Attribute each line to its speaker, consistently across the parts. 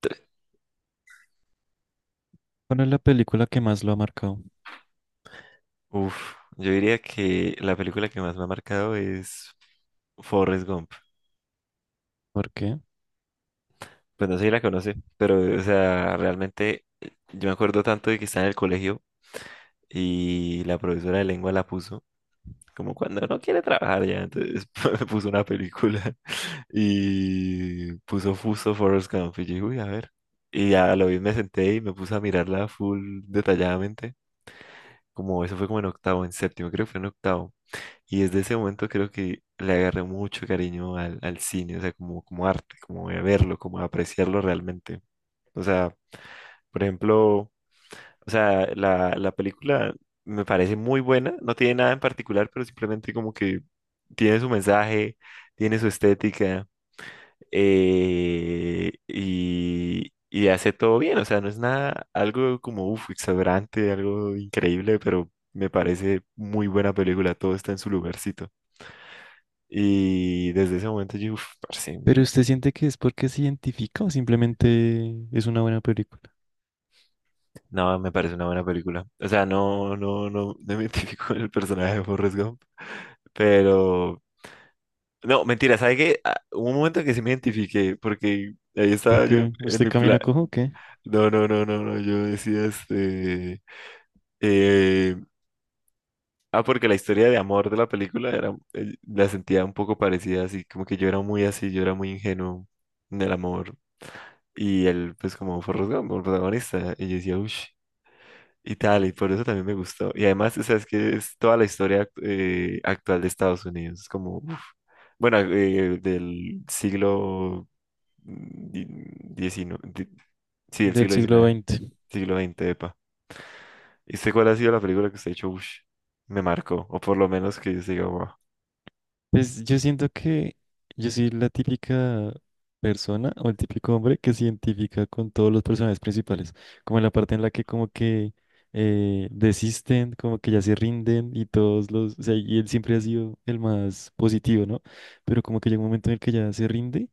Speaker 1: Tres.
Speaker 2: ¿Cuál es la película que más lo ha marcado?
Speaker 1: Uf, yo diría que la película que más me ha marcado es Forrest Gump.
Speaker 2: ¿Por qué?
Speaker 1: Pues no sé si la conoce, pero o sea, realmente yo me acuerdo tanto de que estaba en el colegio y la profesora de lengua la puso, como cuando no quiere trabajar ya, entonces me puso una película y puso Fuso Forrest Gump y yo dije, uy, a ver. Y ya lo vi, me senté y me puse a mirarla full detalladamente, como eso fue como en octavo, en séptimo, creo que fue en octavo. Y desde ese momento creo que le agarré mucho cariño al cine, o sea, como, como arte, como a verlo, como a apreciarlo realmente. O sea, por ejemplo, o sea, la película me parece muy buena, no tiene nada en particular, pero simplemente como que tiene su mensaje, tiene su estética, y hace todo bien, o sea, no es nada, algo como, uf, exagerante, algo increíble, pero me parece muy buena película, todo está en su lugarcito. Y desde ese momento yo, uff, parce,
Speaker 2: ¿Pero usted siente que es porque se identifica o simplemente es una buena película?
Speaker 1: no, me parece una buena película. O sea, no me identifico con el personaje de Forrest Gump, pero, no, mentira, ¿sabe qué? Ah, hubo un momento que sí me identifiqué, porque ahí estaba yo
Speaker 2: Porque
Speaker 1: en
Speaker 2: usted
Speaker 1: mi plan,
Speaker 2: camina cojo, ¿o qué?
Speaker 1: no, no, no, no, no, yo decía, eh, ah, porque la historia de amor de la película era, la sentía un poco parecida, así, como que yo era muy así, yo era muy ingenuo en el amor, y él, pues, como Forrest Gump, el protagonista, y yo decía, uff. Y tal, y por eso también me gustó. Y además, o sea, es que es toda la historia actual de Estados Unidos. Es como, uf. Bueno, del siglo diecinueve sí, del
Speaker 2: Del
Speaker 1: siglo
Speaker 2: siglo
Speaker 1: diecinueve
Speaker 2: XX.
Speaker 1: siglo veinte epa. ¿Y usted cuál ha sido la película que usted ha dicho, uff, me marcó? O por lo menos que yo diga, wow.
Speaker 2: Pues yo siento que yo soy la típica persona o el típico hombre que se identifica con todos los personajes principales, como en la parte en la que como que desisten, como que ya se rinden y todos los, o sea, y él siempre ha sido el más positivo, ¿no? Pero como que llega un momento en el que ya se rinde.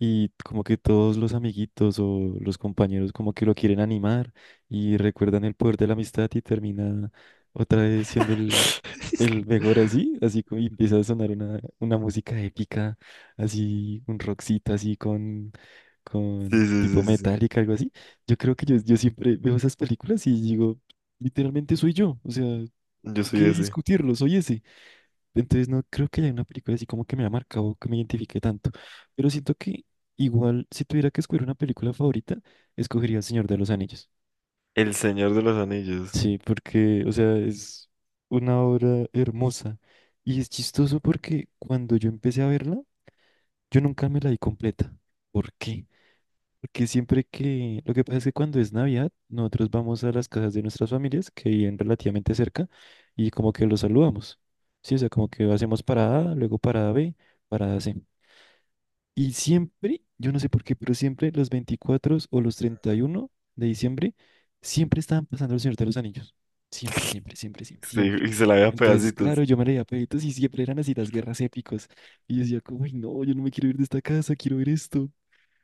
Speaker 2: Y como que todos los amiguitos o los compañeros como que lo quieren animar y recuerdan el poder de la amistad y termina otra vez siendo el
Speaker 1: Sí,
Speaker 2: mejor así, así como y empieza a sonar una música épica, así un rockcito así
Speaker 1: sí,
Speaker 2: con tipo
Speaker 1: sí, sí, sí.
Speaker 2: metálica, algo así. Yo creo que yo siempre veo esas películas y digo, literalmente soy yo, o sea, hay
Speaker 1: Yo soy
Speaker 2: que
Speaker 1: ese.
Speaker 2: discutirlo, soy ese. Entonces no creo que haya una película así como que me haya marcado, que me identifique tanto. Pero siento que igual si tuviera que escoger una película favorita, escogería El Señor de los Anillos.
Speaker 1: El Señor de los Anillos.
Speaker 2: Sí, porque, o sea, es una obra hermosa. Y es chistoso porque cuando yo empecé a verla, yo nunca me la di completa. ¿Por qué? Porque siempre que... Lo que pasa es que cuando es Navidad, nosotros vamos a las casas de nuestras familias, que viven relativamente cerca, y como que los saludamos. Sí, o sea, como que hacemos parada, luego parada B, parada C. Y siempre, yo no sé por qué, pero siempre los 24 o los 31 de diciembre, siempre estaban pasando el Señor de los Anillos. Siempre, siempre, siempre, siempre,
Speaker 1: Sí,
Speaker 2: siempre.
Speaker 1: y se la ve a
Speaker 2: Entonces,
Speaker 1: pedacitos.
Speaker 2: claro, yo me leía peditos y siempre eran así las guerras épicas. Y yo decía, como, "Ay, no, yo no me quiero ir de esta casa, quiero ver esto.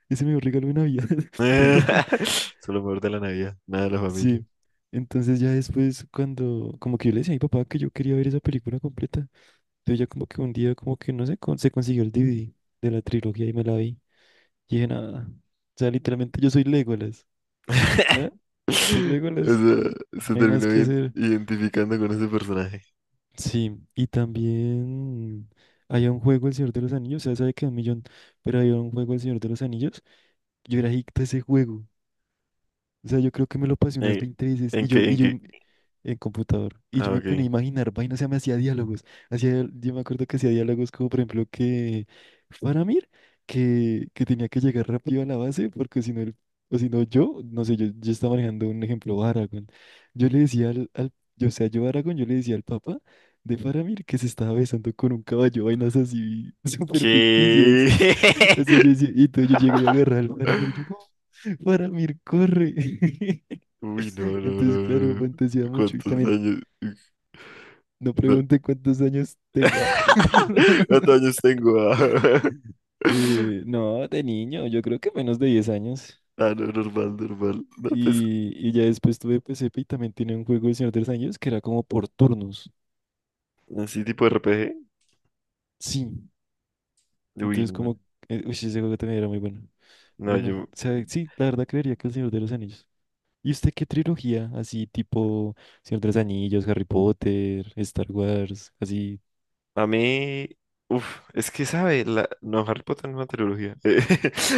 Speaker 2: Ese me regalo de Navidad."
Speaker 1: Solo mejor de la Navidad, nada de la familia.
Speaker 2: Sí. Entonces ya después cuando, como que yo le decía a mi papá que yo quería ver esa película completa. Entonces ya como que un día, como que no sé, se consiguió el DVD de la trilogía y me la vi. Y dije, nada. O sea, literalmente yo soy Legolas. ¿Ya? Soy
Speaker 1: O
Speaker 2: Legolas.
Speaker 1: sea, se
Speaker 2: No hay
Speaker 1: terminó
Speaker 2: más que hacer.
Speaker 1: identificando con ese personaje.
Speaker 2: Sí. Y también había un juego El Señor de los Anillos. O sea, sabe que un millón, pero había un juego El Señor de los Anillos. Yo era adicto a ese juego. O sea, yo creo que me lo pasé unas
Speaker 1: Eh,
Speaker 2: 20 veces
Speaker 1: ¿En qué? ¿En qué?
Speaker 2: en computador. Y
Speaker 1: Ah,
Speaker 2: yo me ponía a
Speaker 1: ok.
Speaker 2: imaginar vainas, o sea, me hacía diálogos. Hacía, yo me acuerdo que hacía diálogos como, por ejemplo, que Faramir, que tenía que llegar rápido a la base, porque si no, o si no yo, no sé, yo estaba manejando un ejemplo, Aragorn. Yo le decía yo, o sea, yo Aragorn, yo le decía al papá de Faramir que se estaba besando con un caballo, vainas así súper ficticias.
Speaker 1: ¿Qué?
Speaker 2: O sea, yo decía, y entonces yo llegué y agarré al Faramir y yo, no, Faramir, corre.
Speaker 1: Uy, no, no,
Speaker 2: Entonces,
Speaker 1: no,
Speaker 2: claro,
Speaker 1: no.
Speaker 2: fantasía mucho. Y
Speaker 1: ¿Cuántos
Speaker 2: también
Speaker 1: años?
Speaker 2: no
Speaker 1: No.
Speaker 2: pregunte cuántos años tengo. Ah.
Speaker 1: ¿Cuántos años tengo? Ah,
Speaker 2: No, de niño, yo creo que menos de 10 años.
Speaker 1: ah, no, normal, normal. No, pues,
Speaker 2: Y ya después tuve P C P y también tenía un juego de Señor de los Anillos que era como por turnos.
Speaker 1: así tipo RPG.
Speaker 2: Sí.
Speaker 1: Uy,
Speaker 2: Entonces,
Speaker 1: no.
Speaker 2: como. Uy, ese juego también era muy bueno.
Speaker 1: No,
Speaker 2: Bueno, o
Speaker 1: yo,
Speaker 2: sea, sí, la verdad creería que el Señor de los Anillos. ¿Y usted qué trilogía? Así tipo Señor de los Anillos, Harry Potter, Star Wars, así.
Speaker 1: a mí, uff, es que sabe, no, Harry Potter no es una trilogía.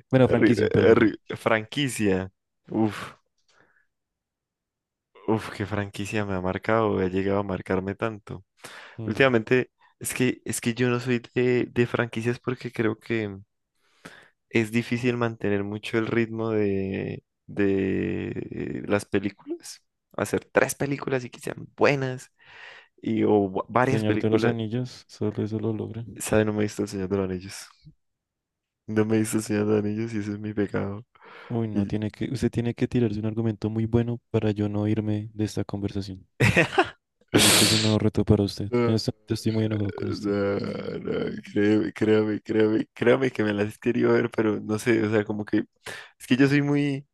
Speaker 2: Bueno, franquicia, perdón.
Speaker 1: Franquicia. Uff, uff, qué franquicia me ha marcado, ha llegado a marcarme tanto.
Speaker 2: Mm.
Speaker 1: Últimamente, es que yo no soy de franquicias porque creo que es difícil mantener mucho el ritmo de las películas. Hacer tres películas y que sean buenas, y varias
Speaker 2: Señor de los
Speaker 1: películas.
Speaker 2: Anillos, solo eso lo logra.
Speaker 1: Sabe, no me he visto El Señor de los Anillos. No me diste el Señor de los Anillos y ese es mi pecado.
Speaker 2: Uy, no,
Speaker 1: Y-
Speaker 2: tiene que, usted tiene que tirarse un argumento muy bueno para yo no irme de esta conversación. Así que es un nuevo reto para usted. En
Speaker 1: no,
Speaker 2: este momento estoy muy enojado con usted.
Speaker 1: no, no, créeme, créame que me las quería ver, pero no sé, o sea, como que es que yo soy muy,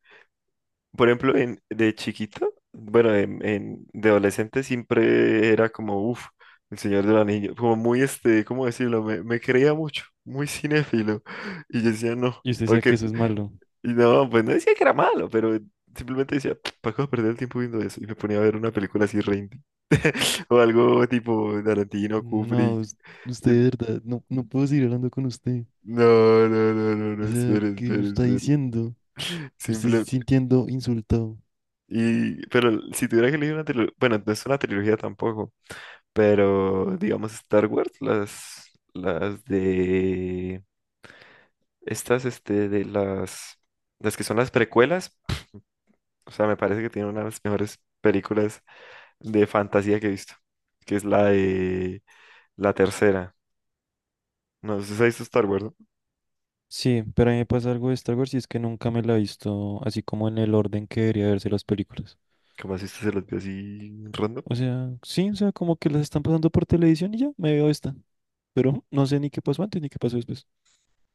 Speaker 1: por ejemplo, de chiquito, bueno, de adolescente siempre era como, uff, el Señor del Anillo, como muy, este, ¿cómo decirlo? Me creía mucho, muy cinéfilo, y yo decía, no,
Speaker 2: Y usted decía
Speaker 1: porque
Speaker 2: que eso es malo.
Speaker 1: y no, pues no decía que era malo, pero simplemente decía, ¿para qué voy a perder el tiempo viendo eso? Y me ponía a ver una película así re indie, o algo tipo Tarantino,
Speaker 2: No,
Speaker 1: Kubrick.
Speaker 2: us- usted
Speaker 1: Y-
Speaker 2: de verdad, no, no puedo seguir hablando con usted.
Speaker 1: no, no, no, no,
Speaker 2: O
Speaker 1: no,
Speaker 2: sea,
Speaker 1: espere,
Speaker 2: ¿qué me
Speaker 1: espere,
Speaker 2: está
Speaker 1: espere.
Speaker 2: diciendo? Me estoy
Speaker 1: Simple.
Speaker 2: sintiendo insultado.
Speaker 1: Y, pero si tuviera que elegir una trilogía, bueno, no es una trilogía tampoco, pero digamos Star Wars, las de, estas, este, de las que son las precuelas, o sea, me parece que tiene una de las mejores películas de fantasía que he visto, que es la de la tercera. No, ¿usted se ha visto Star Wars, no?
Speaker 2: Sí, pero a mí me pasa algo de Star Wars y es que nunca me la he visto así como en el orden que debería verse las películas.
Speaker 1: ¿Cómo así usted se las vio así random?
Speaker 2: O sea, sí, o sea, como que las están pasando por televisión y ya me veo esta. Pero no sé ni qué pasó antes ni qué pasó después.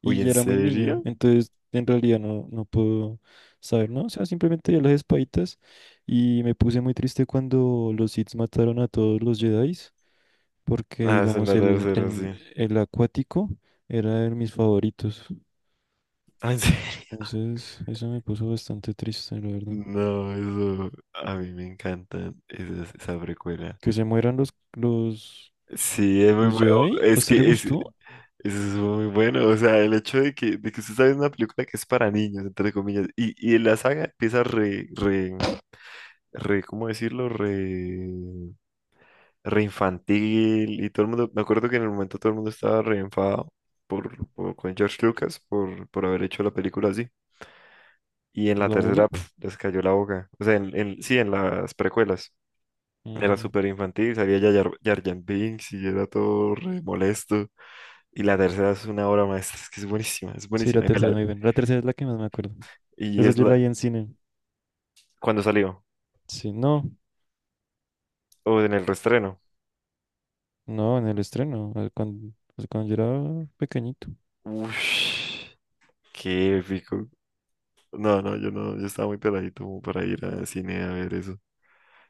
Speaker 2: Y
Speaker 1: Uy,
Speaker 2: ya
Speaker 1: ¿en
Speaker 2: era muy niño,
Speaker 1: serio?
Speaker 2: entonces en realidad no, no puedo saber, ¿no? O sea, simplemente ya las espaditas y me puse muy triste cuando los Sith mataron a todos los Jedi, porque
Speaker 1: Ah, es en
Speaker 2: digamos
Speaker 1: la tercera, sí.
Speaker 2: el acuático era de mis favoritos.
Speaker 1: Ah, ¿en serio?
Speaker 2: Entonces, eso me puso bastante triste, la verdad.
Speaker 1: No, eso a mí me encanta esa precuela.
Speaker 2: Que se mueran
Speaker 1: Sí, es muy bueno.
Speaker 2: los Jedi, ¿a
Speaker 1: Es
Speaker 2: usted le
Speaker 1: que es, eso
Speaker 2: gustó?
Speaker 1: es muy bueno. O sea, el hecho de de que usted sabe una película que es para niños, entre comillas, y la saga empieza ¿cómo decirlo? Re infantil y todo el mundo, me acuerdo que en el momento todo el mundo estaba re enfadado con George Lucas por haber hecho la película así. Y en la
Speaker 2: ¿La
Speaker 1: tercera
Speaker 2: uno?
Speaker 1: pf, les cayó la boca. O sea, sí, en las precuelas. Era
Speaker 2: Mm.
Speaker 1: súper infantil, salía ya Jar Binks y era todo re molesto. Y la tercera es una obra maestra, es que es buenísima, es
Speaker 2: Sí, la
Speaker 1: buenísima. Y, me
Speaker 2: tercera es
Speaker 1: la-
Speaker 2: muy buena. La tercera es la que más me acuerdo.
Speaker 1: y
Speaker 2: Esa
Speaker 1: es
Speaker 2: yo
Speaker 1: la...
Speaker 2: la vi en cine.
Speaker 1: cuando salió,
Speaker 2: Sí, no,
Speaker 1: o en el reestreno.
Speaker 2: no, en el estreno, cuando, pues, cuando yo era pequeñito.
Speaker 1: Ush, qué épico. No, no, yo no, yo estaba muy peladito como para ir al cine a ver eso.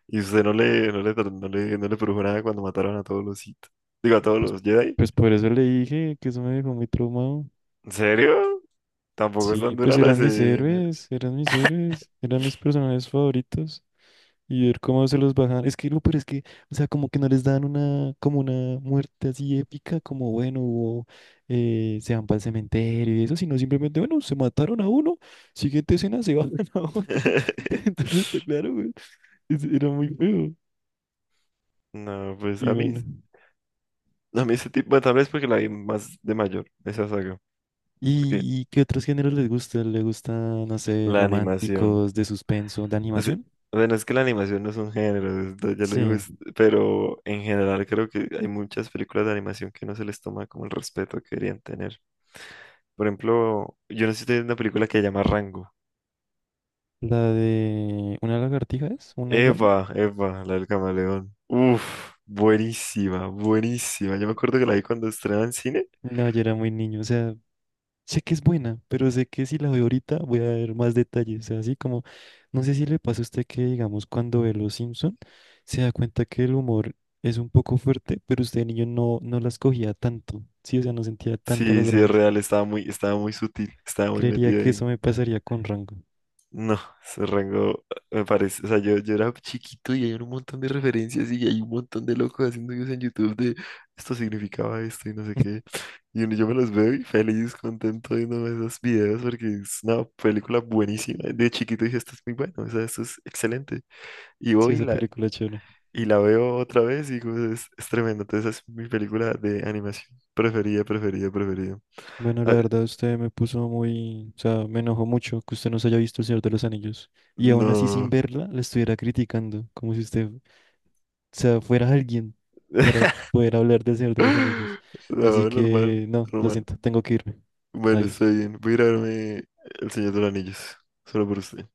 Speaker 1: Y usted no le, no le, tra- no le, no le produjo nada cuando mataron a todos los Sith. Digo, a todos
Speaker 2: Pues,
Speaker 1: los Jedi.
Speaker 2: pues por eso le dije que eso me dejó muy traumado.
Speaker 1: ¿En serio? Tampoco es tan
Speaker 2: Sí,
Speaker 1: dura
Speaker 2: pues
Speaker 1: la
Speaker 2: eran mis
Speaker 1: escena.
Speaker 2: héroes, eran mis héroes, eran mis personajes favoritos. Y ver cómo se los bajan. Es que lo pero es que, o sea, como que no les dan una, como una muerte así épica, como bueno, hubo, se van para el cementerio y eso, sino simplemente, bueno, se mataron a uno, siguiente escena se bajan a otro. Entonces está claro, güey. Era muy feo.
Speaker 1: No, pues
Speaker 2: Y bueno.
Speaker 1: a mí ese tipo, bueno, tal vez porque la vi más de mayor, esa saga. Porque
Speaker 2: Y qué otros géneros les gusta? ¿Le gustan, no sé,
Speaker 1: la animación,
Speaker 2: románticos, de suspenso, de
Speaker 1: o sea,
Speaker 2: animación?
Speaker 1: bueno, es que la animación no es un género, ya lo digo,
Speaker 2: Sí.
Speaker 1: es- pero en general creo que hay muchas películas de animación que no se les toma como el respeto que deberían tener. Por ejemplo, yo no sé si ustedes ven una película que se llama Rango.
Speaker 2: La de una lagartija es, una iguana.
Speaker 1: Eva, la del camaleón. Uf, buenísima, buenísima. Yo me acuerdo que la vi cuando estrenaba en cine.
Speaker 2: No, yo era muy niño, o sea. Sé que es buena, pero sé que si la veo ahorita voy a ver más detalles. O sea, así como, no sé si le pasa a usted que, digamos, cuando ve Los Simpson, se da cuenta que el humor es un poco fuerte, pero usted de niño no, no las cogía tanto. Sí, o sea, no sentía tantas las
Speaker 1: Sí, sí, es
Speaker 2: bromas.
Speaker 1: real, estaba muy sutil, estaba muy
Speaker 2: Creería
Speaker 1: metida
Speaker 2: que
Speaker 1: ahí.
Speaker 2: eso me pasaría con Rango.
Speaker 1: No, ese rango me parece. O sea, yo era chiquito y hay un montón de referencias y hay un montón de locos haciendo videos en YouTube de esto significaba esto y no sé qué. Yo me los veo y feliz, contento viendo esos videos porque es una película buenísima. De chiquito dije, esto es muy bueno, o sea, esto es excelente. Y
Speaker 2: Sí,
Speaker 1: hoy
Speaker 2: esa
Speaker 1: la
Speaker 2: película es chévere.
Speaker 1: Y la veo otra vez y digo, es tremendo. Entonces es mi película de animación preferida, preferida, preferida.
Speaker 2: Bueno, la
Speaker 1: Ah,
Speaker 2: verdad, usted me puso muy, o sea, me enojó mucho que usted no se haya visto El Señor de los Anillos. Y aún así, sin
Speaker 1: no.
Speaker 2: verla, la estuviera criticando, como si usted sea, fuera alguien para poder hablar del Señor de los Anillos. Así
Speaker 1: No, normal,
Speaker 2: que, no, lo
Speaker 1: normal.
Speaker 2: siento, tengo que irme.
Speaker 1: Bueno, está
Speaker 2: Adiós.
Speaker 1: bien. Voy a ir a verme El Señor de los Anillos. Solo por usted.